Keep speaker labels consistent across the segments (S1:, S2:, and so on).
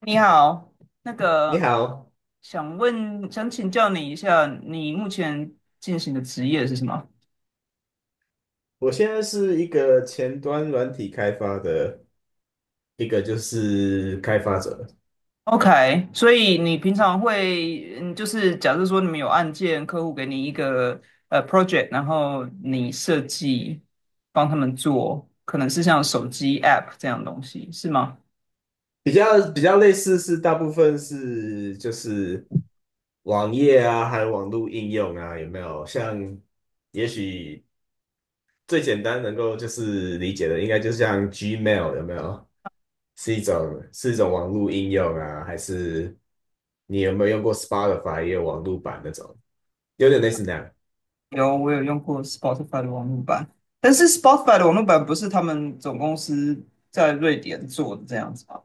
S1: 你好，那
S2: 你
S1: 个
S2: 好，
S1: 想请教你一下，你目前进行的职业是什么
S2: 我现在是一个前端软体开发的一个就是开发者，
S1: ？OK，所以你平常会，就是假设说你们有案件，客户给你一个project，然后你设计帮他们做，可能是像手机 app 这样的东西，是吗？
S2: 比较类似是大部分是就是网页啊，还有网络应用啊，有没有？像也许最简单能够就是理解的，应该就像 Gmail 有没有？是一种网络应用啊，还是你有没有用过 Spotify 也有网络版那种？有点类似那样。
S1: 有，我有用过 Spotify 的网络版，但是 Spotify 的网络版不是他们总公司在瑞典做的这样子吗？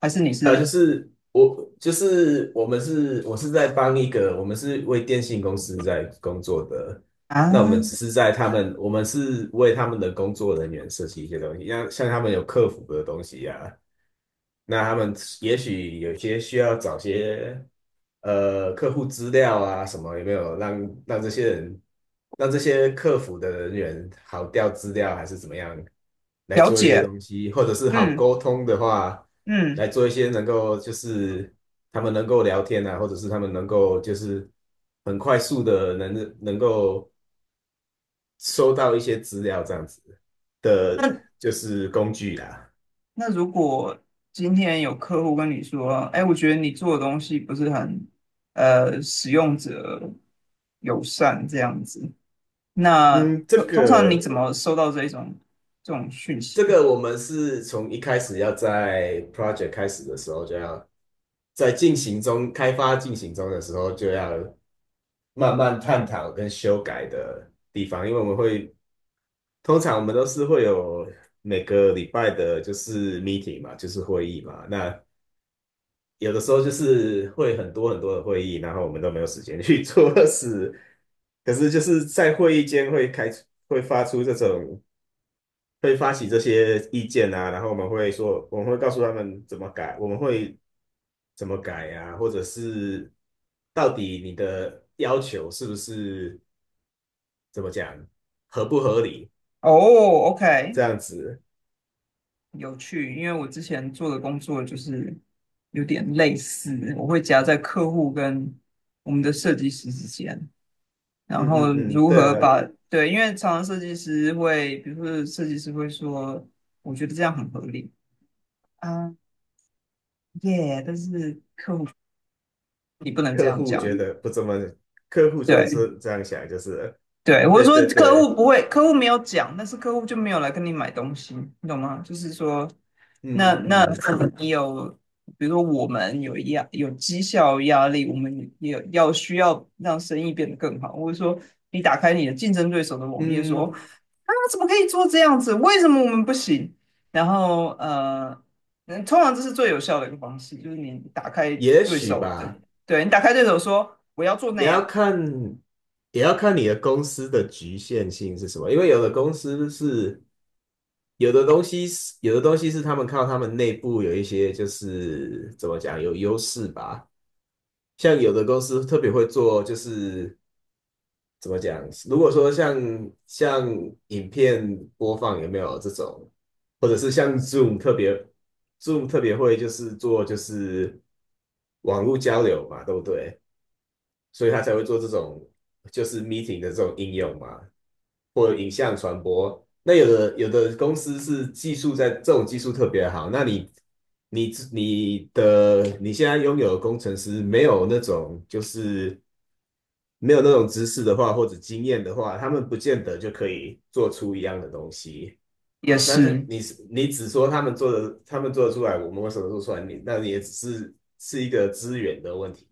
S1: 还是你
S2: 就
S1: 是
S2: 是我，就是我们是，我是在帮一个，我们是为电信公司在工作的。那我
S1: 啊？
S2: 们只是在他们，我们是为他们的工作人员设计一些东西，像他们有客服的东西呀、那他们也许有些需要找些客户资料啊什么，有没有让这些人让这些客服的人员好调资料还是怎么样？来
S1: 了
S2: 做一些
S1: 解，
S2: 东西，或者是好
S1: 嗯
S2: 沟通的话，
S1: 嗯，
S2: 来做一些能够就是他们能够聊天啊，或者是他们能够就是很快速的能够收到一些资料这样子的，
S1: 那
S2: 就是工具啦。
S1: 那如果今天有客户跟你说，哎，我觉得你做的东西不是很使用者友善这样子，那
S2: 嗯，这
S1: 通常你
S2: 个
S1: 怎么收到这种讯息？
S2: 这个我们是从一开始要在 project 开始的时候就要在进行中开发进行中的时候就要慢慢探讨跟修改的地方，因为我们会。通常我们都是会有每个礼拜的，就是 meeting 嘛，就是会议嘛。那有的时候就是会很多很多的会议，然后我们都没有时间去 做事。可是就是在会议间会开出会发出这种，会发起这些意见啊，然后我们会说，我们会告诉他们怎么改，我们会怎么改啊，或者是到底你的要求是不是怎么讲，合不合理，
S1: 哦，OK，
S2: 这样子。
S1: 有趣，因为我之前做的工作就是有点类似，我会夹在客户跟我们的设计师之间，然
S2: 嗯嗯
S1: 后
S2: 嗯，
S1: 如
S2: 对
S1: 何
S2: 啊。
S1: 把，对，因为常常设计师会，比如说设计师会说，我觉得这样很合理啊，耶，但是你不能这
S2: 客
S1: 样
S2: 户
S1: 讲，
S2: 觉得不怎么，客户不
S1: 对，
S2: 是这样想，就是
S1: 对，我是
S2: 对
S1: 说
S2: 对
S1: 客
S2: 对，
S1: 户不会，客户没有讲，但是客户就没有来跟你买东西，你懂吗？就是说，那
S2: 嗯
S1: 那
S2: 嗯
S1: 可能你有，比如说我们有压有绩效压力，我们也有要需要让生意变得更好，或者说你打开你的竞争对手的网页
S2: 嗯
S1: 说，
S2: 嗯，
S1: 啊，怎么可以做这样子？为什么我们不行？然后通常这是最有效的一个方式，就是你打开
S2: 也
S1: 对
S2: 许
S1: 手的，
S2: 吧，
S1: 对你打开对手说我要做那
S2: 你要
S1: 样。
S2: 看，也要看你的公司的局限性是什么，因为有的公司是有的东西是有的东西是他们靠他们内部有一些就是怎么讲有优势吧，像有的公司特别会做就是怎么讲？如果说像影片播放有没有这种，或者是像 Zoom 特别会就是做就是网络交流嘛，对不对？所以他才会做这种就是 meeting 的这种应用嘛，或者影像传播。那有的公司是技术在这种技术特别好，那你你你的你现在拥有的工程师没有那种就是没有那种知识的话，或者经验的话，他们不见得就可以做出一样的东西。
S1: 也
S2: 那是
S1: 是，
S2: 你是你只说他们做的，他们做得出来，我们为什么做出来？你那你也只是是一个资源的问题，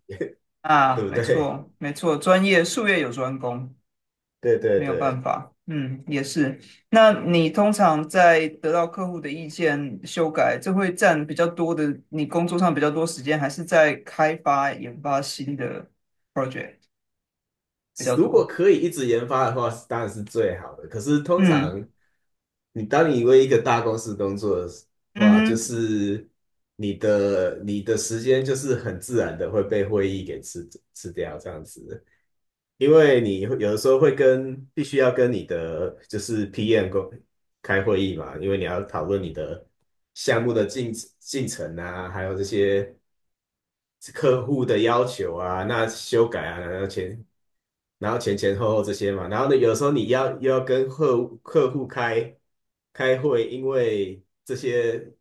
S2: 对
S1: 啊，
S2: 不
S1: 没
S2: 对？
S1: 错，没错，专业术业有专攻，
S2: 对对
S1: 没有办
S2: 对，
S1: 法。嗯，也是。那你通常在得到客户的意见修改，这会占比较多的，你工作上比较多时间，还是在开发研发新的 project 比较
S2: 如果
S1: 多？
S2: 可以一直研发的话，当然是最好的。可是通
S1: 嗯
S2: 常你当你为一个大公司工作的
S1: 嗯
S2: 话，就
S1: 哼，
S2: 是你的时间就是很自然的会被会议给吃掉这样子，因为你有的时候会跟必须要跟你的就是 PM 工开会议嘛，因为你要讨论你的项目的进程啊，还有这些客户的要求啊，那修改啊，然后前前后后这些嘛，然后呢，有时候你要又要跟客户开会，因为这些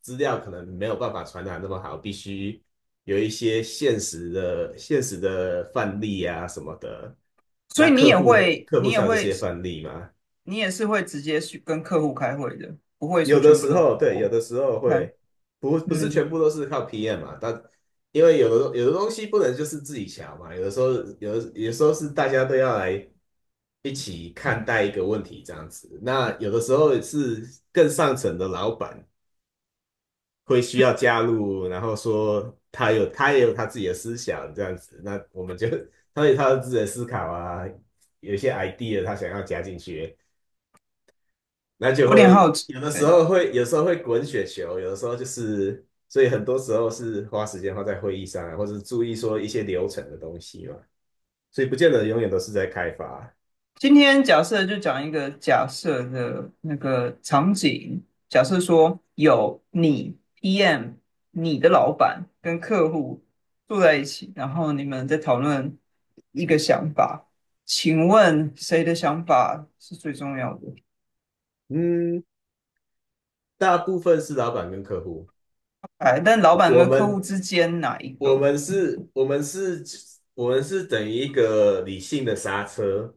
S2: 资料可能没有办法传达那么好，必须有一些现实的范例啊什么的，
S1: 所
S2: 那
S1: 以
S2: 客户客户才有这些范例嘛。
S1: 你也是会直接去跟客户开会的，不会说
S2: 有的
S1: 全部
S2: 时
S1: 都很
S2: 候对，有的
S1: OK。
S2: 时候会不是全
S1: 嗯，
S2: 部都是靠 PM 嘛，但因为有的东西不能就是自己瞧嘛，有的时候有的时候是大家都要来一起看待一个问题这样子。那有的时候是更上层的老板会需要加入，然后说他有他也有他自己的思想这样子，那我们就 他有他的自己的思考啊，有一些 idea 他想要加进去。那就
S1: 有点好
S2: 会
S1: 奇。
S2: 有的时候会，有时候会滚雪球，有的时候就是，所以很多时候是花时间花在会议上啊或者注意说一些流程的东西嘛，所以不见得永远都是在开发啊。
S1: 今天假设就讲一个假设的那个场景，假设说有你 PM、你的老板跟客户坐在一起，然后你们在讨论一个想法，请问谁的想法是最重要的？
S2: 嗯，大部分是老板跟客户，
S1: 哎，但老
S2: 我
S1: 板
S2: 我
S1: 跟客户
S2: 们
S1: 之间哪一
S2: 我
S1: 个
S2: 们是，我们是，我们是等于一个理性的刹车，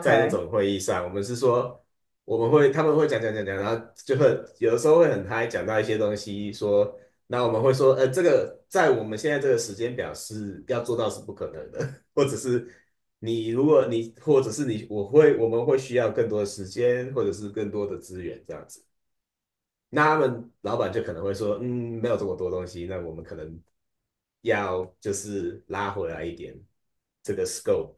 S2: 在那种会议上，我们是说，我们会，他们会讲讲讲讲，然后就会有的时候会很嗨，讲到一些东西，说，那我们会说，这个在我们现在这个时间表是要做到是不可能的，或者是你如果你，或者是你，我会，我们会需要更多的时间，或者是更多的资源这样子。那他们老板就可能会说，嗯，没有这么多东西，那我们可能要就是拉回来一点这个 scope，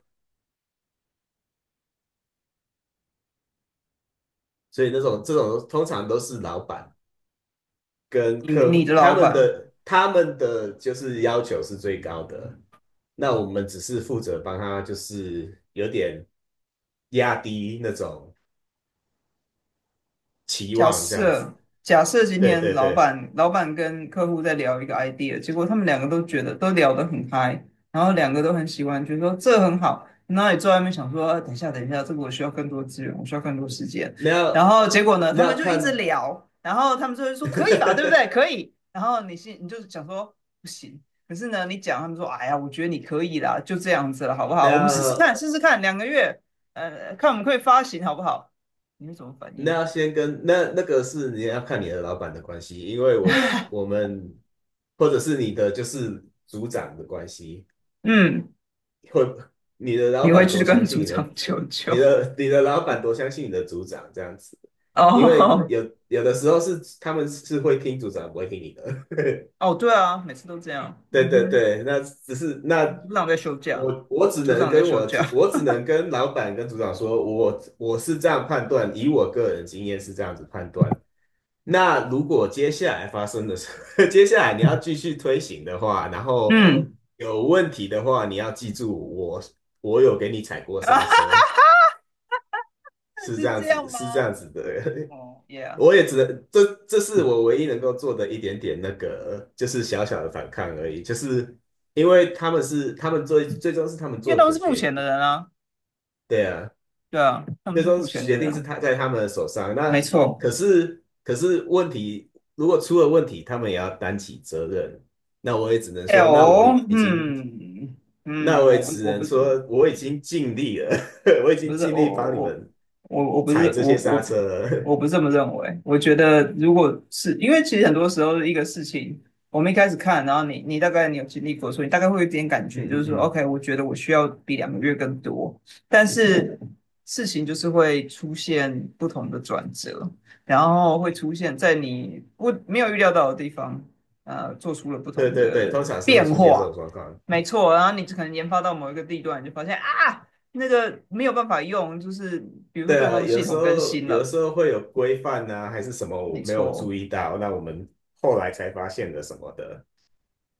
S2: 所以那种这种通常都是老板跟
S1: 你
S2: 客
S1: 你
S2: 户
S1: 的
S2: 他
S1: 老
S2: 们
S1: 板，
S2: 的他们的就是要求是最高的，那我们只是负责帮他就是有点压低那种期
S1: 假
S2: 望这样子。
S1: 设假设今
S2: 对
S1: 天
S2: 对
S1: 老
S2: 对，
S1: 板老板跟客户在聊一个 idea，结果他们两个都觉得都聊得很嗨，然后两个都很喜欢，觉得说这很好。那你坐在那边想说，啊等一下等一下，这个我需要更多资源，我需要更多时间。
S2: 那
S1: 然
S2: 要
S1: 后结果呢，他
S2: 那
S1: 们
S2: 要
S1: 就一直
S2: 看
S1: 聊，然后他们就会说可以吧，对不对？可 以。然后你就想说不行，可是呢，你讲他们说，哎呀，我觉得你可以啦，就这样子了，好不
S2: 那
S1: 好？我们试试看，
S2: 要
S1: 试试看，两个月，看我们可以发行好不好？你会怎么反
S2: 那
S1: 应？
S2: 要先跟那那个是你要看你的老板的关系，因为我是我们或者是你的就是组长的关系，
S1: 嗯。
S2: 或你的老
S1: 你会
S2: 板
S1: 去
S2: 多相
S1: 跟
S2: 信
S1: 组
S2: 你
S1: 长
S2: 的
S1: 求
S2: 你
S1: 救？
S2: 的你的老板多相信你的组长这样子，因为
S1: 哦
S2: 有的时候是他们是会听组长不会听你的，
S1: 哦，对啊，每次都这样。
S2: 对
S1: 嗯
S2: 对
S1: 哼，
S2: 对，那只是那
S1: 组长在休假，
S2: 我我只
S1: 组
S2: 能
S1: 长在
S2: 跟
S1: 休
S2: 我
S1: 假。
S2: 主我只能跟老板跟组长说，我是这样判断，以我个人经验是这样子判断。那如果接下来发生的事，接下来你要继续推行的话，然后
S1: 嗯，
S2: 有问题的话，你要记住我有给你踩过刹车，是这
S1: 是
S2: 样
S1: 这
S2: 子
S1: 样吗？
S2: 是这样子的
S1: 哦，Yeah，
S2: 我也只能这是我唯一能够做的一点点那个，就是小小的反抗而已，就是因为他们是他们最终是他们
S1: 因为
S2: 做
S1: 他们
S2: 的
S1: 是付
S2: 决
S1: 钱的
S2: 定，
S1: 人啊。
S2: 对啊，
S1: 对啊，他们
S2: 最
S1: 是
S2: 终
S1: 付钱的
S2: 决定是
S1: 人，
S2: 他在他们的手上。
S1: 没
S2: 那
S1: 错。
S2: 可是问题，如果出了问题，他们也要担起责任。那我也只能
S1: 哎
S2: 说，
S1: 哦，嗯
S2: 那
S1: 嗯，
S2: 我
S1: 我
S2: 也只
S1: 不我
S2: 能
S1: 不
S2: 说，我已经尽力了，我已
S1: 不
S2: 经
S1: 是
S2: 尽
S1: 我
S2: 力
S1: 我
S2: 帮你
S1: 我
S2: 们
S1: 我我不
S2: 踩
S1: 是
S2: 这
S1: 我
S2: 些刹
S1: 我
S2: 车了。
S1: 我不是 这么认为。我觉得如果是因为其实很多时候一个事情，我们一开始看，然后你大概你有经历过，所以你大概会有一点感觉，就
S2: 嗯嗯
S1: 是说
S2: 嗯，
S1: ，OK，我觉得我需要比两个月更多，但是事情就是会出现不同的转折，然后会出现在你不没有预料到的地方，做出了不
S2: 对
S1: 同
S2: 对对，
S1: 的
S2: 通常是会
S1: 变
S2: 出现这
S1: 化。
S2: 种状况。
S1: 没错，然后你可能研发到某一个地段，你就发现啊。那个没有办法用，就是比如说
S2: 对
S1: 对方
S2: 啊，
S1: 的
S2: 有
S1: 系
S2: 时
S1: 统更
S2: 候
S1: 新
S2: 有
S1: 了，
S2: 时候会有规范啊，还是什么
S1: 没
S2: 我没有注
S1: 错。
S2: 意到，那我们后来才发现的什么的。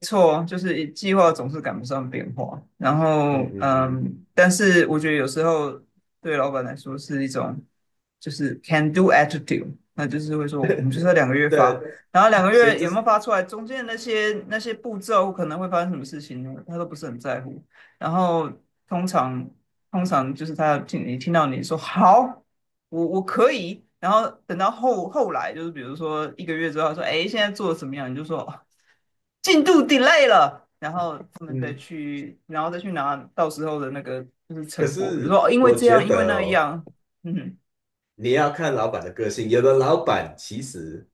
S1: 错，就是计划总是赶不上变化。然
S2: 嗯
S1: 后，
S2: 嗯
S1: 但是我觉得有时候对老板来说是一种就是 can do attitude，那就是会说我们
S2: 嗯，
S1: 就是要两个月
S2: 对
S1: 发，
S2: 啊，
S1: 然后两个
S2: 所以
S1: 月
S2: 这
S1: 有没
S2: 是
S1: 有发出来，中间那些步骤可能会发生什么事情呢，他都不是很在乎。然后通常通常就是他听到你说好，我可以，然后等到后来就是比如说一个月之后，他说哎现在做的怎么样，你就说，哦进度 delay 了，然后他们再
S2: 嗯，
S1: 去，然后再去拿到时候的那个就是
S2: 可
S1: 成果，比如
S2: 是
S1: 说哦，因为
S2: 我
S1: 这
S2: 觉
S1: 样，因为
S2: 得
S1: 那
S2: 哦，
S1: 样，嗯哼，
S2: 你要看老板的个性，有的老板其实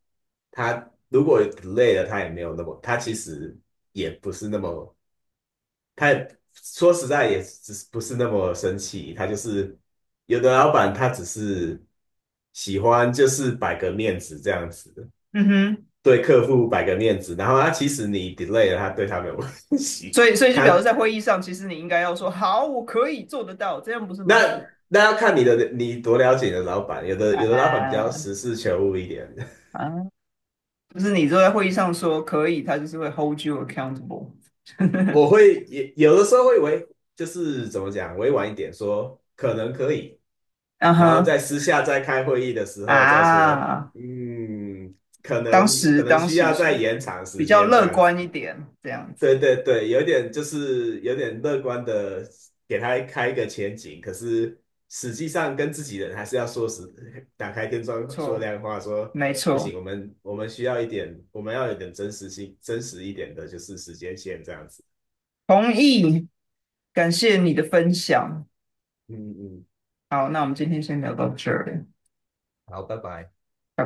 S2: 他如果累了，他也没有那么，他其实也不是那么，他也说实在也只是不是那么生气，他就是有的老板他只是喜欢就是摆个面子这样子。
S1: 嗯哼，
S2: 对客户摆个面子，然后他其实你 delay 了，他对他没有关系。
S1: 所以就
S2: 他
S1: 表示在会议上，其实你应该要说好，我可以做得到，这样不是吗？
S2: 那要看你的你多了解你的老板，有的有的老板比较
S1: 啊
S2: 实事求是一点，
S1: 啊，就是你坐在会议上说可以，他就是会 hold you accountable，
S2: 我会也有的时候会委就是怎么讲委婉一点说可能可以，
S1: 嗯
S2: 然后
S1: 哼
S2: 在私下在开会议的时候再说，
S1: 啊，
S2: 嗯，可
S1: 当
S2: 能
S1: 时
S2: 可能
S1: 当
S2: 需
S1: 时
S2: 要再
S1: 是
S2: 延长
S1: 比
S2: 时
S1: 较
S2: 间这
S1: 乐
S2: 样
S1: 观
S2: 子。
S1: 一点，这样子，
S2: 对对对，有点就是有点乐观的给他开一个前景，可是实际上跟自己人还是要说实，打开天窗说
S1: 错，
S2: 亮话，说
S1: 没
S2: 不
S1: 错，
S2: 行，我们需要一点，我们要有点真实性，真实一点的，就是时间线这样子。
S1: 同意，感谢你的分享。
S2: 嗯嗯，
S1: 好，那我们今天先聊到这儿，
S2: 好，拜拜。
S1: 拜拜。